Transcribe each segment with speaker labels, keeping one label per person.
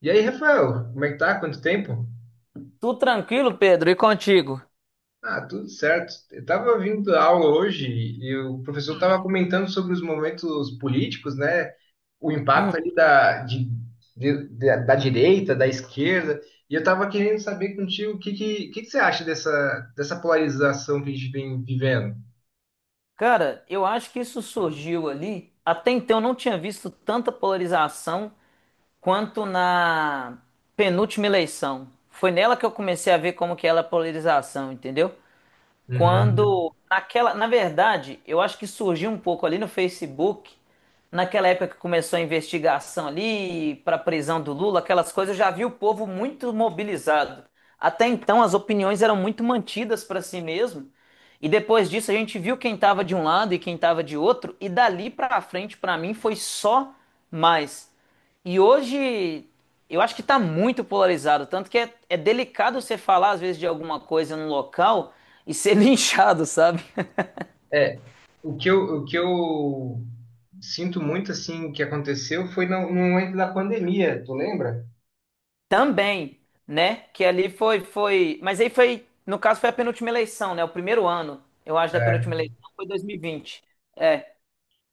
Speaker 1: E aí, Rafael, como é que tá? Quanto tempo?
Speaker 2: Tudo tranquilo, Pedro? E contigo?
Speaker 1: Ah, tudo certo. Eu tava vindo da aula hoje e o professor tava comentando sobre os momentos políticos, né? O
Speaker 2: Hum.
Speaker 1: impacto ali da direita, da esquerda. E eu tava querendo saber contigo o que que você acha dessa polarização que a gente vem vivendo.
Speaker 2: Cara, eu acho que isso surgiu ali. Até então eu não tinha visto tanta polarização quanto na penúltima eleição. Foi nela que eu comecei a ver como que era a polarização, entendeu?
Speaker 1: Uhum.
Speaker 2: Quando naquela, na verdade, eu acho que surgiu um pouco ali no Facebook, naquela época que começou a investigação ali para a prisão do Lula, aquelas coisas, eu já vi o povo muito mobilizado. Até então as opiniões eram muito mantidas para si mesmo. E depois disso a gente viu quem estava de um lado e quem estava de outro, e dali pra frente para mim foi só mais. E hoje eu acho que está muito polarizado, tanto que é delicado você falar às vezes de alguma coisa num local e ser linchado, sabe?
Speaker 1: É, o que eu sinto muito, assim, que aconteceu foi no momento da pandemia, tu lembra?
Speaker 2: Também, né? Que ali foi, foi. Mas aí foi, no caso, foi a penúltima eleição, né? O primeiro ano, eu acho, da penúltima eleição foi 2020. É,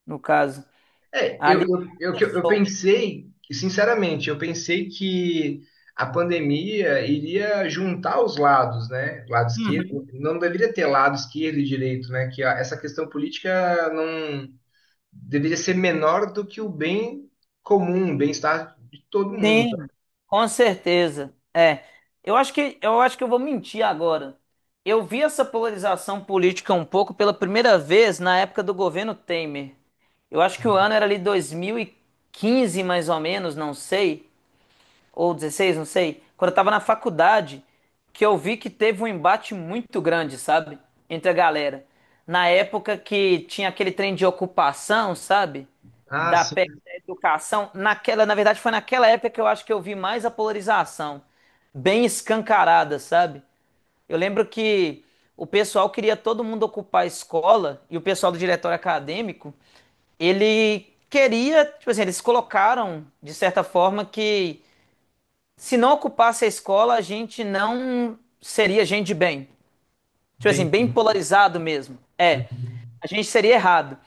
Speaker 2: no caso.
Speaker 1: É, eu,
Speaker 2: Ali
Speaker 1: eu, eu, eu
Speaker 2: começou.
Speaker 1: pensei, sinceramente, eu pensei que a pandemia iria juntar os lados, né? Lado esquerdo, não deveria ter lado esquerdo e direito, né? Que essa questão política não deveria ser menor do que o bem comum, o bem-estar de todo mundo.
Speaker 2: Sim, com certeza. É, eu acho que eu vou mentir agora. Eu vi essa polarização política um pouco pela primeira vez na época do governo Temer. Eu acho que o ano era ali 2015 mais ou menos, não sei, ou 2016, não sei, quando eu tava na faculdade, que eu vi que teve um embate muito grande, sabe? Entre a galera. Na época que tinha aquele trem de ocupação, sabe?
Speaker 1: Ah,
Speaker 2: Da
Speaker 1: sim,
Speaker 2: PEC da educação. Naquela, na verdade, foi naquela época que eu acho que eu vi mais a polarização. Bem escancarada, sabe? Eu lembro que o pessoal queria todo mundo ocupar a escola e o pessoal do diretório acadêmico, ele queria, tipo assim, eles colocaram, de certa forma, que se não ocupasse a escola, a gente não seria gente de bem. Tipo assim,
Speaker 1: entendi.
Speaker 2: bem polarizado mesmo. É,
Speaker 1: Uhum.
Speaker 2: a gente seria errado.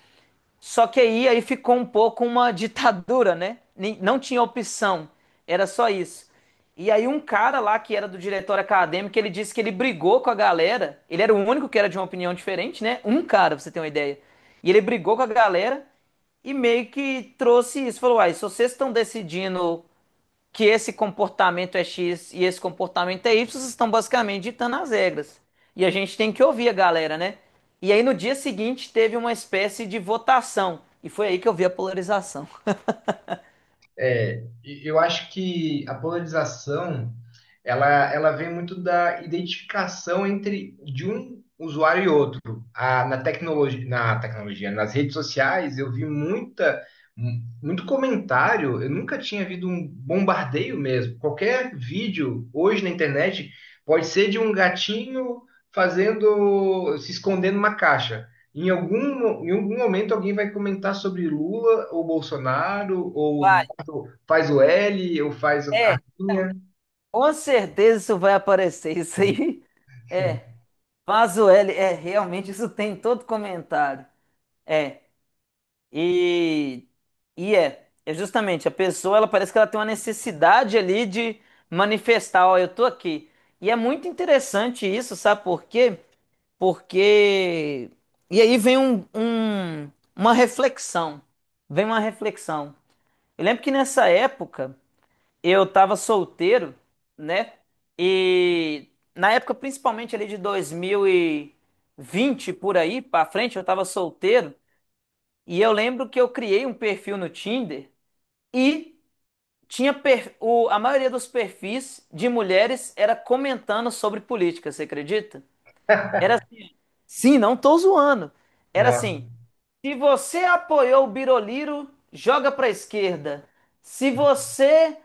Speaker 2: Só que aí ficou um pouco uma ditadura, né? Não tinha opção, era só isso. E aí um cara lá que era do diretório acadêmico, ele disse que ele brigou com a galera. Ele era o único que era de uma opinião diferente, né? Um cara, pra você ter uma ideia. E ele brigou com a galera e meio que trouxe isso. Falou, uai, se vocês estão decidindo que esse comportamento é X e esse comportamento é Y, vocês estão basicamente ditando as regras. E a gente tem que ouvir a galera, né? E aí no dia seguinte teve uma espécie de votação. E foi aí que eu vi a polarização.
Speaker 1: É, e eu acho que a polarização ela vem muito da identificação entre de um usuário e outro. A, na tecnologia, nas redes sociais, eu vi muito comentário. Eu nunca tinha visto um bombardeio mesmo. Qualquer vídeo hoje na internet pode ser de um gatinho fazendo, se escondendo numa caixa. Em algum momento alguém vai comentar sobre Lula ou Bolsonaro ou
Speaker 2: Vai,
Speaker 1: tu faz o L eu faz a
Speaker 2: é.
Speaker 1: linha.
Speaker 2: Então, com certeza isso vai aparecer. Isso aí é. Vaso L, é, realmente isso tem em todo comentário. É. E, e é justamente a pessoa, ela parece que ela tem uma necessidade ali de manifestar, ó, eu tô aqui. E é muito interessante isso, sabe por quê? Porque e aí vem uma reflexão. Eu lembro que nessa época eu tava solteiro, né? E na época principalmente ali de 2020 por aí pra frente, eu tava solteiro. E eu lembro que eu criei um perfil no Tinder e a maioria dos perfis de mulheres era comentando sobre política, você acredita? Era sim, não tô zoando. Era
Speaker 1: Nossa.
Speaker 2: assim: se você apoiou o Biroliro, joga pra esquerda. Se você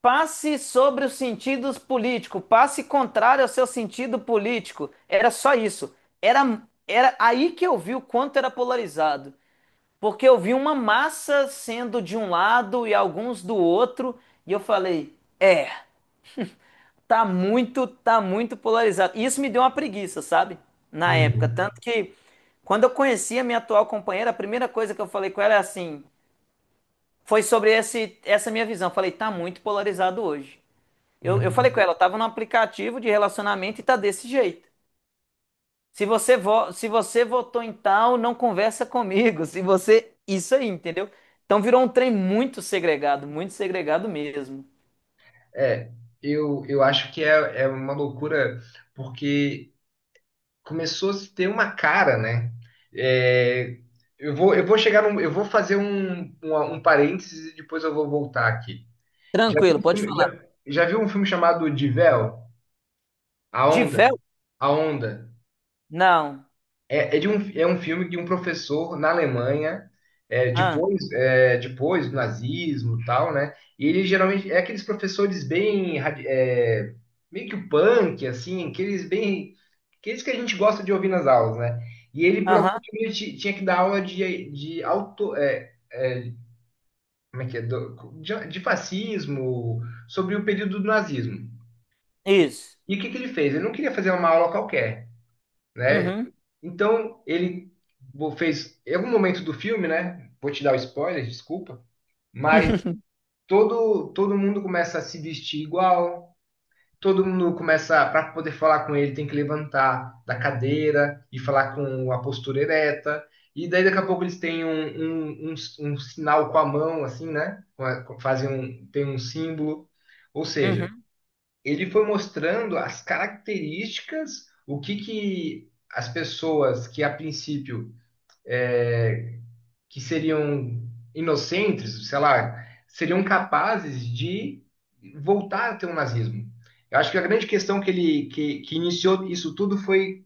Speaker 2: passe sobre os sentidos políticos, passe contrário ao seu sentido político. Era só isso. Era, era aí que eu vi o quanto era polarizado. Porque eu vi uma massa sendo de um lado e alguns do outro, e eu falei, é, tá muito polarizado. E isso me deu uma preguiça, sabe? Na época.
Speaker 1: Uhum.
Speaker 2: Tanto que quando eu conheci a minha atual companheira, a primeira coisa que eu falei com ela é assim, foi sobre essa minha visão. Eu falei, tá muito polarizado hoje. Eu
Speaker 1: Uhum.
Speaker 2: falei com ela, eu tava num aplicativo de relacionamento e tá desse jeito. Se você votou em tal, não conversa comigo. Se você. Isso aí, entendeu? Então virou um trem muito segregado mesmo.
Speaker 1: É, eu acho que é uma loucura, porque começou a se ter uma cara, né? É, eu vou chegar num, eu vou fazer um parênteses e depois eu vou voltar aqui.
Speaker 2: Tranquilo, pode falar.
Speaker 1: Já viu um filme chamado De Véu? A
Speaker 2: De
Speaker 1: Onda?
Speaker 2: véu?
Speaker 1: A Onda.
Speaker 2: Não.
Speaker 1: É um filme de um professor na Alemanha,
Speaker 2: Ah.
Speaker 1: depois, é, depois do nazismo e tal, né? E ele geralmente é aqueles professores bem, meio que o punk, assim, aqueles bem, aqueles que a gente gosta de ouvir nas aulas, né? E ele, por algum
Speaker 2: Aham.
Speaker 1: motivo, tinha que dar aula de auto, é, como é que é? Do- de fascismo, sobre o período do nazismo. E,
Speaker 2: Isso.
Speaker 1: e o que que ele fez? Ele não queria fazer uma aula qualquer, né?
Speaker 2: Uhum.
Speaker 1: Então, ele fez, em algum momento do filme, né? Vou te dar o spoiler, desculpa. Hum. Mas todo mundo começa a se vestir igual, todo mundo começa, para poder falar com ele, tem que levantar da cadeira e falar com a postura ereta. E daí daqui a pouco eles têm um sinal com a mão, assim, né? Fazem um, tem um símbolo. Ou seja,
Speaker 2: Uhum.
Speaker 1: ele foi mostrando as características, o que que as pessoas que a princípio que seriam inocentes, sei lá, seriam capazes de voltar a ter o nazismo. Eu acho que a grande questão que iniciou isso tudo foi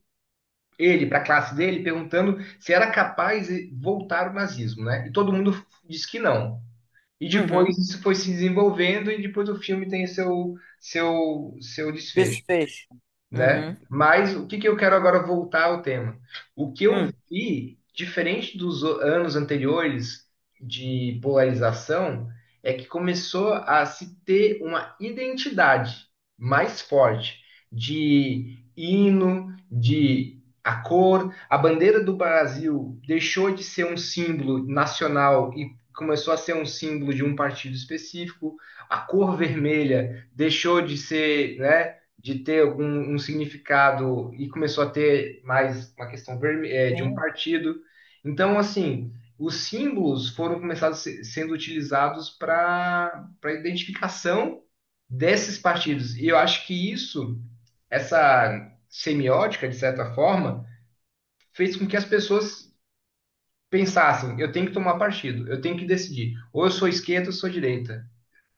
Speaker 1: ele para a classe dele perguntando se era capaz de voltar o nazismo, né? E todo mundo disse que não. E
Speaker 2: Uhum.
Speaker 1: depois isso foi se desenvolvendo e depois o filme tem seu desfecho,
Speaker 2: Desfecho.
Speaker 1: né?
Speaker 2: Uhum.
Speaker 1: Mas o que que eu quero agora voltar ao tema? O que eu
Speaker 2: Hum.
Speaker 1: vi, diferente dos anos anteriores de polarização, é que começou a se ter uma identidade mais forte de hino, de a cor, a bandeira do Brasil deixou de ser um símbolo nacional e começou a ser um símbolo de um partido específico. A cor vermelha deixou de ser, né? De ter algum um significado e começou a ter mais uma questão de um partido. Então, assim, os símbolos foram começados sendo utilizados para identificação desses partidos. E eu acho que isso, essa semiótica, de certa forma, fez com que as pessoas pensassem: eu tenho que tomar partido, eu tenho que decidir, ou eu sou esquerda ou eu sou direita,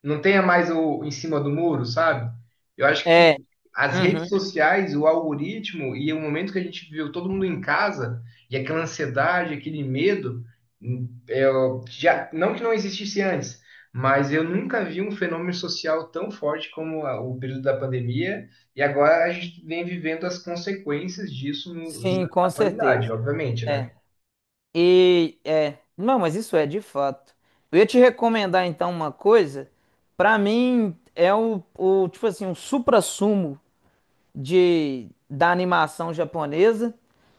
Speaker 1: não tenha mais o em cima do muro, sabe? Eu acho que
Speaker 2: É.
Speaker 1: as redes
Speaker 2: Uhum.
Speaker 1: sociais, o algoritmo e o momento que a gente viveu, todo mundo em casa e aquela ansiedade, aquele medo, hum, é, já, não que não existisse antes, mas eu nunca vi um fenômeno social tão forte como o período da pandemia e agora a gente vem vivendo as consequências disso
Speaker 2: Sim,
Speaker 1: na
Speaker 2: com
Speaker 1: atualidade,
Speaker 2: certeza.
Speaker 1: obviamente, né?
Speaker 2: É. E é, não, mas isso é de fato. Eu ia te recomendar então uma coisa. Pra mim é o tipo assim, um suprassumo de da animação japonesa.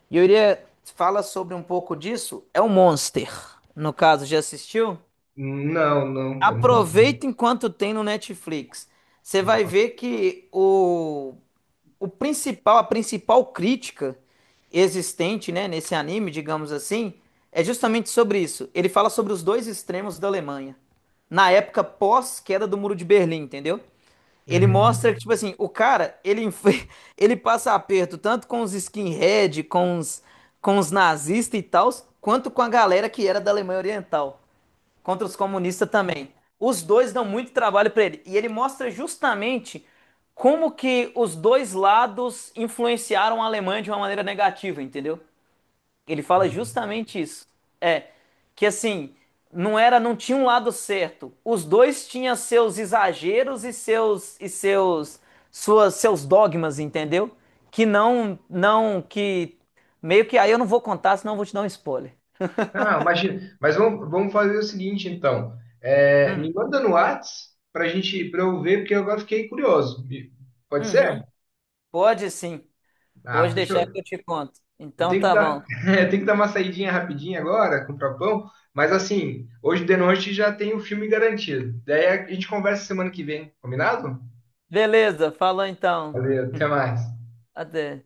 Speaker 2: E eu iria fala sobre um pouco disso, é o Monster. No caso, já assistiu?
Speaker 1: Não, não, é monstro.
Speaker 2: Aproveita enquanto tem no Netflix. Você vai
Speaker 1: Boa.
Speaker 2: ver que a principal crítica existente, né, nesse anime, digamos assim, é justamente sobre isso. Ele fala sobre os dois extremos da Alemanha, na época pós-queda do Muro de Berlim, entendeu? Ele
Speaker 1: Uhum.
Speaker 2: mostra que, tipo assim, o cara, ele, ele passa aperto tanto com os skinhead, com os nazistas e tals, quanto com a galera que era da Alemanha Oriental. Contra os comunistas também. Os dois dão muito trabalho para ele. E ele mostra justamente como que os dois lados influenciaram a Alemanha de uma maneira negativa, entendeu? Ele fala justamente isso. É, que assim, não tinha um lado certo. Os dois tinham seus exageros e seus dogmas, entendeu? Que não não que meio que aí eu não vou contar, senão eu vou te dar um spoiler.
Speaker 1: Ah, imagina. Mas vamos fazer o seguinte, então. É, me
Speaker 2: Hum,
Speaker 1: manda no Whats pra gente, pra eu ver, porque eu agora fiquei curioso. E- pode ser?
Speaker 2: uhum, pode sim.
Speaker 1: Ah,
Speaker 2: Pode deixar
Speaker 1: fechou.
Speaker 2: que eu te conto.
Speaker 1: Eu
Speaker 2: Então
Speaker 1: tenho que
Speaker 2: tá bom.
Speaker 1: dar, eu tenho que dar uma saidinha rapidinha agora, comprar pão. Mas assim, hoje de noite já tem o filme garantido. Daí a gente conversa semana que vem, combinado?
Speaker 2: Beleza, falou então.
Speaker 1: Valeu, até mais.
Speaker 2: Até.